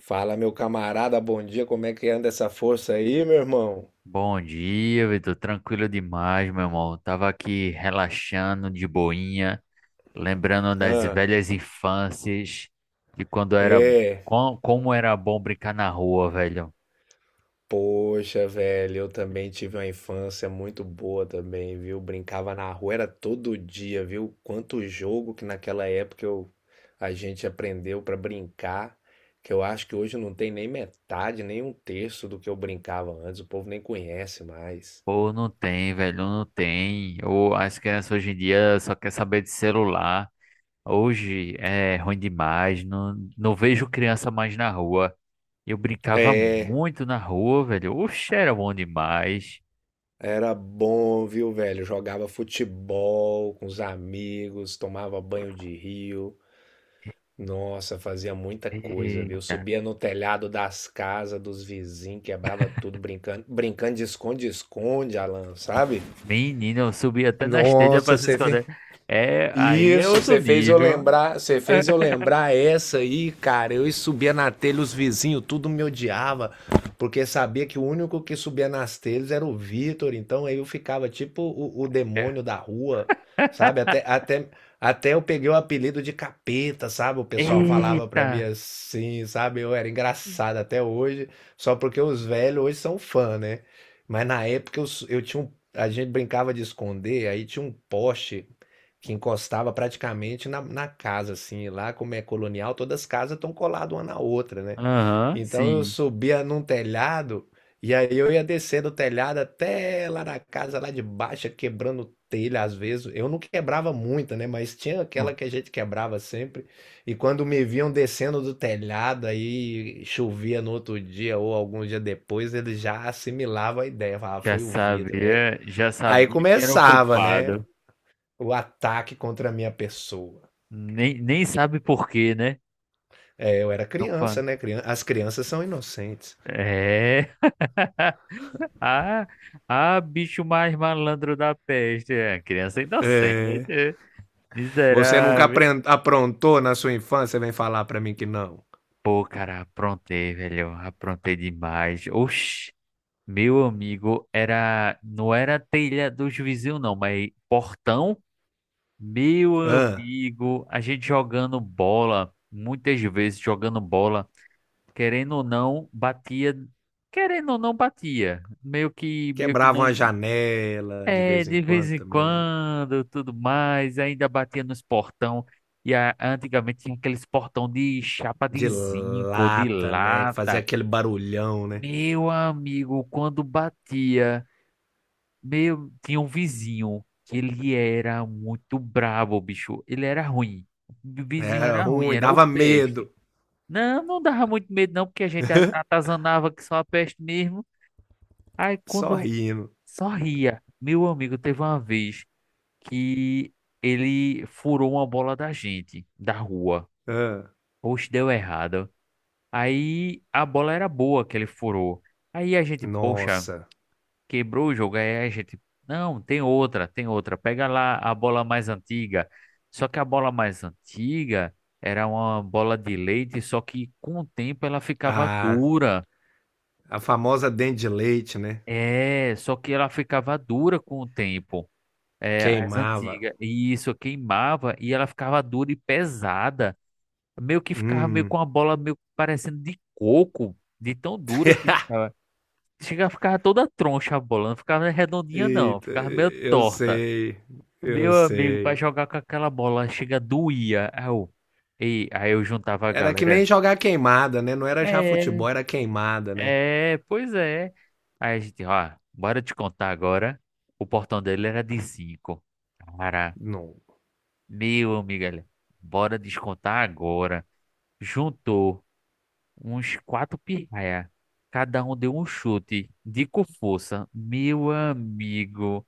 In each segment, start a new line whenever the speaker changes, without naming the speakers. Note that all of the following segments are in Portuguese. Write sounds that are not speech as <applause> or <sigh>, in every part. Fala, meu camarada, bom dia. Como é que anda essa força aí, meu irmão?
Bom dia, Vitor. Tranquilo demais, meu irmão. Tava aqui relaxando de boinha, lembrando das
Ah,
velhas infâncias, de quando era,
é.
como era bom brincar na rua, velho.
Poxa, velho, eu também tive uma infância muito boa também, viu? Brincava na rua, era todo dia, viu? Quanto jogo que naquela época eu, a gente aprendeu pra brincar, que eu acho que hoje não tem nem metade, nem um terço do que eu brincava antes, o povo nem conhece mais.
Pô, não tem, velho, não tem. Ou as crianças hoje em dia só quer saber de celular. Hoje é ruim demais, não vejo criança mais na rua. Eu brincava
É.
muito na rua, velho. Oxe, era bom demais.
Era bom, viu, velho? Jogava futebol com os amigos, tomava banho de rio. Nossa, fazia muita coisa, viu?
Eita.
Subia no telhado das casas dos vizinhos, quebrava tudo brincando, brincando de esconde-esconde, Alan, sabe?
Menino, eu subi até na telhas pra
Nossa,
se
você vê.
esconder. É, aí é
Isso,
outro
você fez eu
nível.
lembrar, você fez eu lembrar essa aí, cara. Eu subia na telha, os vizinhos tudo me odiava, porque sabia que o único que subia nas telhas era o Vitor, então aí eu ficava tipo o demônio da
<laughs>
rua, sabe? Até eu peguei o apelido de capeta, sabe? O pessoal falava pra
Eita!
mim assim, sabe? Eu era engraçado até hoje, só porque os velhos hoje são fã, né? Mas na época eu, eu tinha um, a gente brincava de esconder, aí tinha um poste que encostava praticamente na casa, assim, lá como é colonial, todas as casas estão coladas uma na outra, né?
Aham,
Então eu
sim.
subia num telhado e aí eu ia descendo o telhado até lá na casa lá de baixo, quebrando telha às vezes. Eu não quebrava muita, né? Mas tinha
Bom,
aquela que a gente quebrava sempre. E quando me viam descendo do telhado, aí chovia no outro dia ou algum dia depois, eles já assimilavam a ideia. Falava, "Ah,
já
foi o Vitor. Aí,
sabia, já
aí
sabia que era o
começava, né?
culpado.
O ataque contra a minha pessoa.
Nem sabe por quê, né?
É, eu era
Não fa...
criança, né? As crianças são inocentes.
É. <laughs> Ah, ah, bicho mais malandro da peste. É, criança inocente.
Você nunca
Miserável.
aprontou na sua infância, vem falar pra mim que não.
Pô, cara, aprontei, velho. Aprontei demais. Oxi. Meu amigo, não era telha dos vizinhos não, mas portão. Meu
Hã?
amigo, a gente jogando bola, muitas vezes jogando bola, querendo ou não, batia, querendo ou não batia. Meio que
Quebrava
não,
uma janela de
é,
vez em
de vez
quando
em
também.
quando, tudo mais, ainda batia nos portão. Antigamente tinha aqueles portão de chapa de
De
zinco, de
lata, né? Que fazia
lata.
aquele barulhão, né?
Meu amigo, quando batia. Meu, tinha um vizinho que ele era muito brabo, bicho. Ele era ruim. O vizinho
Era
era ruim,
ruim,
era o
dava
peste.
medo.
Não, não dava muito medo não, porque a gente atazanava que só a peste mesmo. Aí
Só
quando
rindo.
só ria. Meu amigo, teve uma vez que ele furou uma bola da gente, da rua.
Hã?
Poxa, deu errado. Aí a bola era boa que ele furou. Aí a gente, poxa,
Nossa.
quebrou o jogo. Aí a gente, não, tem outra. Pega lá a bola mais antiga. Só que a bola mais antiga era uma bola de leite, só que com o tempo ela ficava
A,
dura.
a famosa dente de leite, né?
É, só que ela ficava dura com o tempo. É, as
Queimava.
antigas. E isso queimava e ela ficava dura e pesada. Meio que ficava meio
Hum.
com a bola meio parecendo de coco, de tão dura que
<laughs>
ficava. Chega, ficava toda troncha a bola, não ficava redondinha não,
Eita,
ficava meio
eu
torta.
sei, eu
Meu amigo, pra
sei.
jogar com aquela bola, chega doía. Aí eu juntava a
Era que
galera.
nem jogar queimada, né? Não era já
É.
futebol, era queimada, né?
É, pois é. Aí a gente, ó, bora te contar agora. O portão dele era de 5 Cara,
Não.
meu amigo, olha, bora descontar agora. Juntou uns quatro pirraia. Cada um deu um chute de com força. Meu amigo,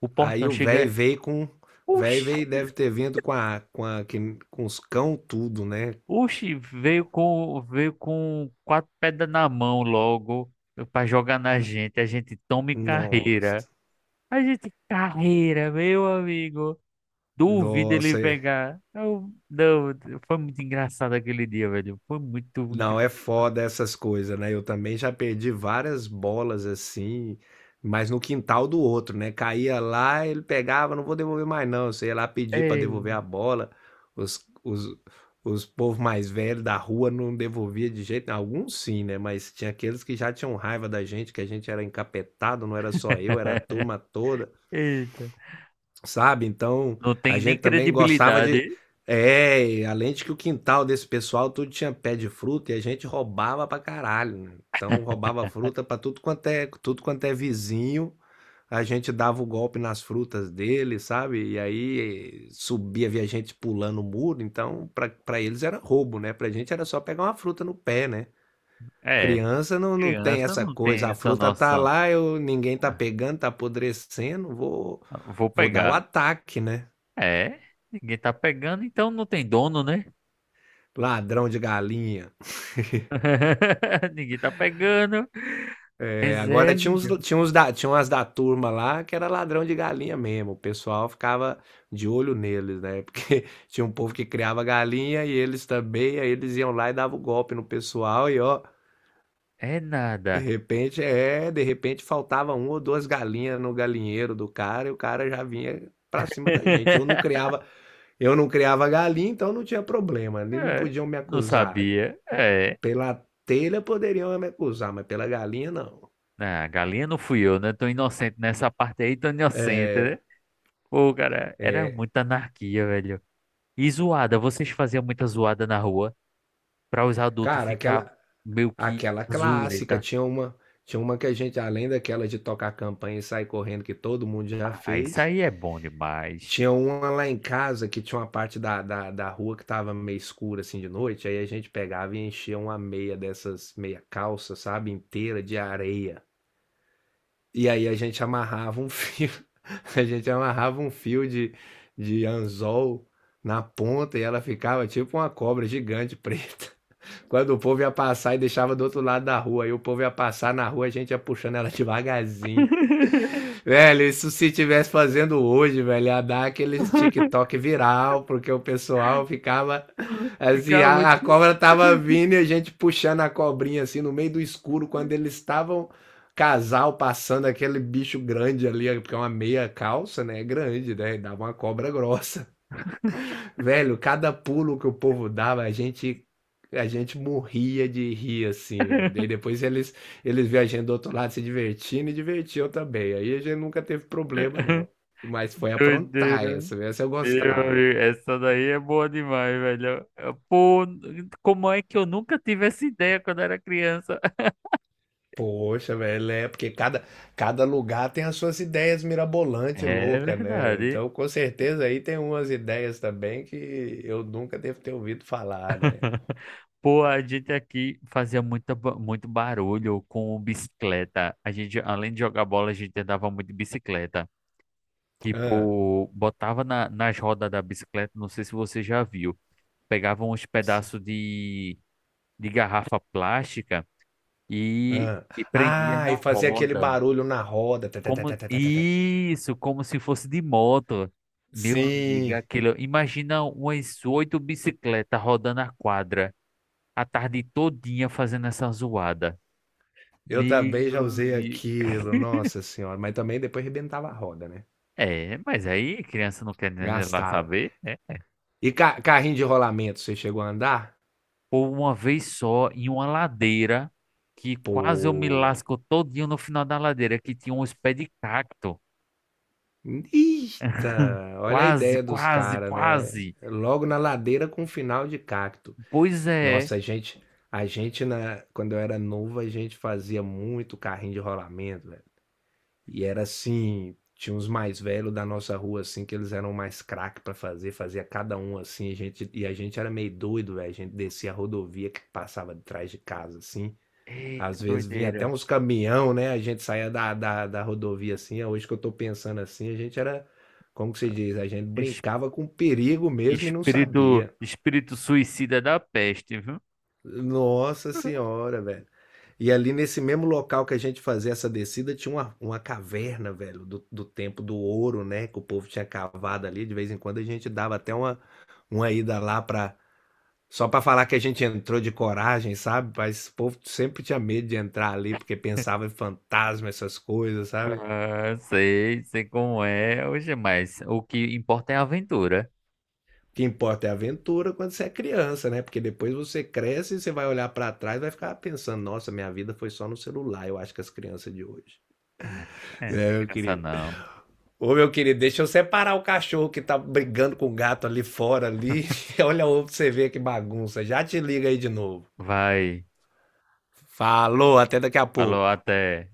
o
Aí
portão
o velho
chega.
veio com. Velho
Oxi!
veio deve ter vindo com a, com os cão tudo, né?
Oxi, veio com quatro pedras na mão logo pra jogar na gente. A gente toma em carreira.
Nossa.
A gente carreira, meu amigo. Duvido ele
Nossa,
pegar. Eu- não, foi muito engraçado aquele dia, velho. Foi muito
não,
engraçado.
é foda essas coisas, né? Eu também já perdi várias bolas assim, mas no quintal do outro, né? Caía lá, ele pegava, não vou devolver mais não. Você ia lá pedir pra devolver
Ei.
a bola. Os, os, os povos mais velhos da rua não devolvia de jeito nenhum. Alguns sim, né? Mas tinha aqueles que já tinham raiva da gente, que a gente era encapetado, não era só eu, era a
<laughs>
turma toda,
Eita.
sabe? Então
Não
a
tem nem
gente também gostava de.
credibilidade.
É, e além de que o quintal desse pessoal tudo tinha pé de fruta e a gente roubava pra caralho, né? Então roubava fruta pra tudo quanto é vizinho. A gente dava o golpe nas frutas dele, sabe? E aí subia, via gente pulando o muro. Então, pra eles era roubo, né? Pra gente era só pegar uma fruta no pé, né?
É,
Criança não, não tem
criança
essa
não
coisa.
tem
A
essa
fruta tá
noção.
lá, eu, ninguém tá
Ah,
pegando, tá apodrecendo. Vou,
vou
vou dar o
pegar.
ataque, né?
É, ninguém tá pegando, então não tem dono, né?
Ladrão de galinha.
<laughs> Ninguém tá pegando.
É,
Mas é,
agora tinha uns,
velho.
tinha uns da, tinha umas da turma lá que era ladrão de galinha mesmo. O pessoal ficava de olho neles, né? Porque <laughs> tinha um povo que criava galinha e eles também, aí eles iam lá e davam golpe no pessoal e ó,
É
de
nada.
repente é, de repente faltava uma ou duas galinhas no galinheiro do cara e o cara já vinha pra cima da gente.
<laughs>
Eu não criava galinha, então não tinha problema. Eles não
É,
podiam me
não
acusar.
sabia. É.
Pela telha poderiam me acusar, mas pela galinha não.
Ah, galinha não fui eu, né? Tô inocente nessa parte aí, tô inocente, né? Pô, cara, era muita anarquia, velho. E zoada, vocês faziam muita zoada na rua pra os adultos
Cara,
ficar
aquela,
meio que
aquela clássica,
zureta.
tinha uma que a gente, além daquela de tocar campanha e sair correndo, que todo mundo já
Ah, isso
fez,
aí é bom demais.
tinha uma lá em casa que tinha uma parte da rua que tava meio escura assim de noite, aí a gente pegava e enchia uma meia dessas meia calça, sabe, inteira de areia. E aí a gente amarrava um fio, <laughs> a gente amarrava um fio de anzol na ponta e ela ficava tipo uma cobra gigante preta. <laughs> Quando o povo ia passar e deixava do outro lado da rua, aí o povo ia passar na rua, a gente ia puxando ela devagarzinho. <laughs> Velho, isso se tivesse fazendo hoje, velho, ia dar aqueles TikTok viral, porque o pessoal ficava
<laughs>
assim,
Ficar
a,
muito.
a cobra tava vindo e a gente puxando a cobrinha assim no meio do escuro, quando eles estavam casal passando aquele bicho grande ali, porque é uma meia calça, né? É grande, né? E dava uma cobra grossa. Velho, cada pulo que o povo dava, a gente morria de rir assim, velho. Daí
<laughs>
depois eles viam a gente do outro lado se divertindo e divertiam também. Aí a gente nunca teve problema não. Mas foi aprontar
Doideira.
essa, essa eu
Meu
gostava.
amigo, essa daí é boa demais, velho. Pô, como é que eu nunca tive essa ideia quando era criança? <laughs>
Poxa, velho, é porque cada lugar tem as suas ideias mirabolantes,
É
louca, né?
verdade.
Então, com certeza aí tem umas ideias também que eu nunca devo ter ouvido falar, né?
Pô, a gente aqui fazia muito barulho com bicicleta. A gente, além de jogar bola, a gente andava muito de bicicleta.
Ah,
Tipo, botava nas rodas da bicicleta, não sei se você já viu. Pegava de garrafa plástica
hã.
e prendia
Ah, e
na
fazia aquele
roda.
barulho na roda. Tê, tê, tê,
Como
tê, tê, tê, tê, tê.
isso, como se fosse de moto. Meu amigo,
Sim,
aquilo, imagina umas oito bicicletas rodando a quadra a tarde todinha fazendo essa zoada.
eu também
Meu
já usei
amigo.
aquilo, nossa senhora, mas também depois rebentava a roda, né?
É, mas aí criança não quer nem lá
Gastava.
saber, né?
E ca carrinho de rolamento, você chegou a andar?
Ou uma vez só em uma ladeira que quase eu me
Pô, velho.
lasco todinho no final da ladeira que tinha uns pés de cacto.
Eita, olha a
Quase,
ideia dos
quase,
caras, né?
quase.
Logo na ladeira com final de cacto.
Pois é.
Nossa, a gente, quando eu era novo, a gente fazia muito carrinho de rolamento, velho. E era assim, tinha uns mais velhos da nossa rua, assim, que eles eram mais craque pra fazer, fazia cada um assim, a gente, e a gente era meio doido, velho. A gente descia a rodovia que passava de trás de casa, assim.
Eita,
Às vezes vinha até
doideira.
uns caminhão, né? A gente saía da rodovia assim. Hoje que eu tô pensando assim, a gente era, como que se diz? A gente brincava com perigo mesmo e não
Espírito,
sabia.
espírito suicida da peste, viu?
Nossa senhora, velho. E ali nesse mesmo local que a gente fazia essa descida, tinha uma caverna, velho, do tempo do ouro, né? Que o povo tinha cavado ali. De vez em quando a gente dava até uma ida lá pra. Só pra falar que a gente entrou de coragem, sabe? Mas o povo sempre tinha medo de entrar ali, porque pensava em fantasma, essas coisas, sabe? O
Ah, sei, sei como é. Hoje, mas o que importa é a aventura.
que importa é a aventura quando você é criança, né? Porque depois você cresce e você vai olhar pra trás e vai ficar pensando: nossa, minha vida foi só no celular, eu acho que as crianças de hoje.
Ah, é, não tem
É, eu
graça
queria.
não.
Ô, meu querido, deixa eu separar o cachorro que tá brigando com o gato ali fora ali. <laughs> Olha o ovo pra você ver que bagunça. Já te liga aí de novo.
Vai.
Falou, até daqui a
Falou,
pouco.
até.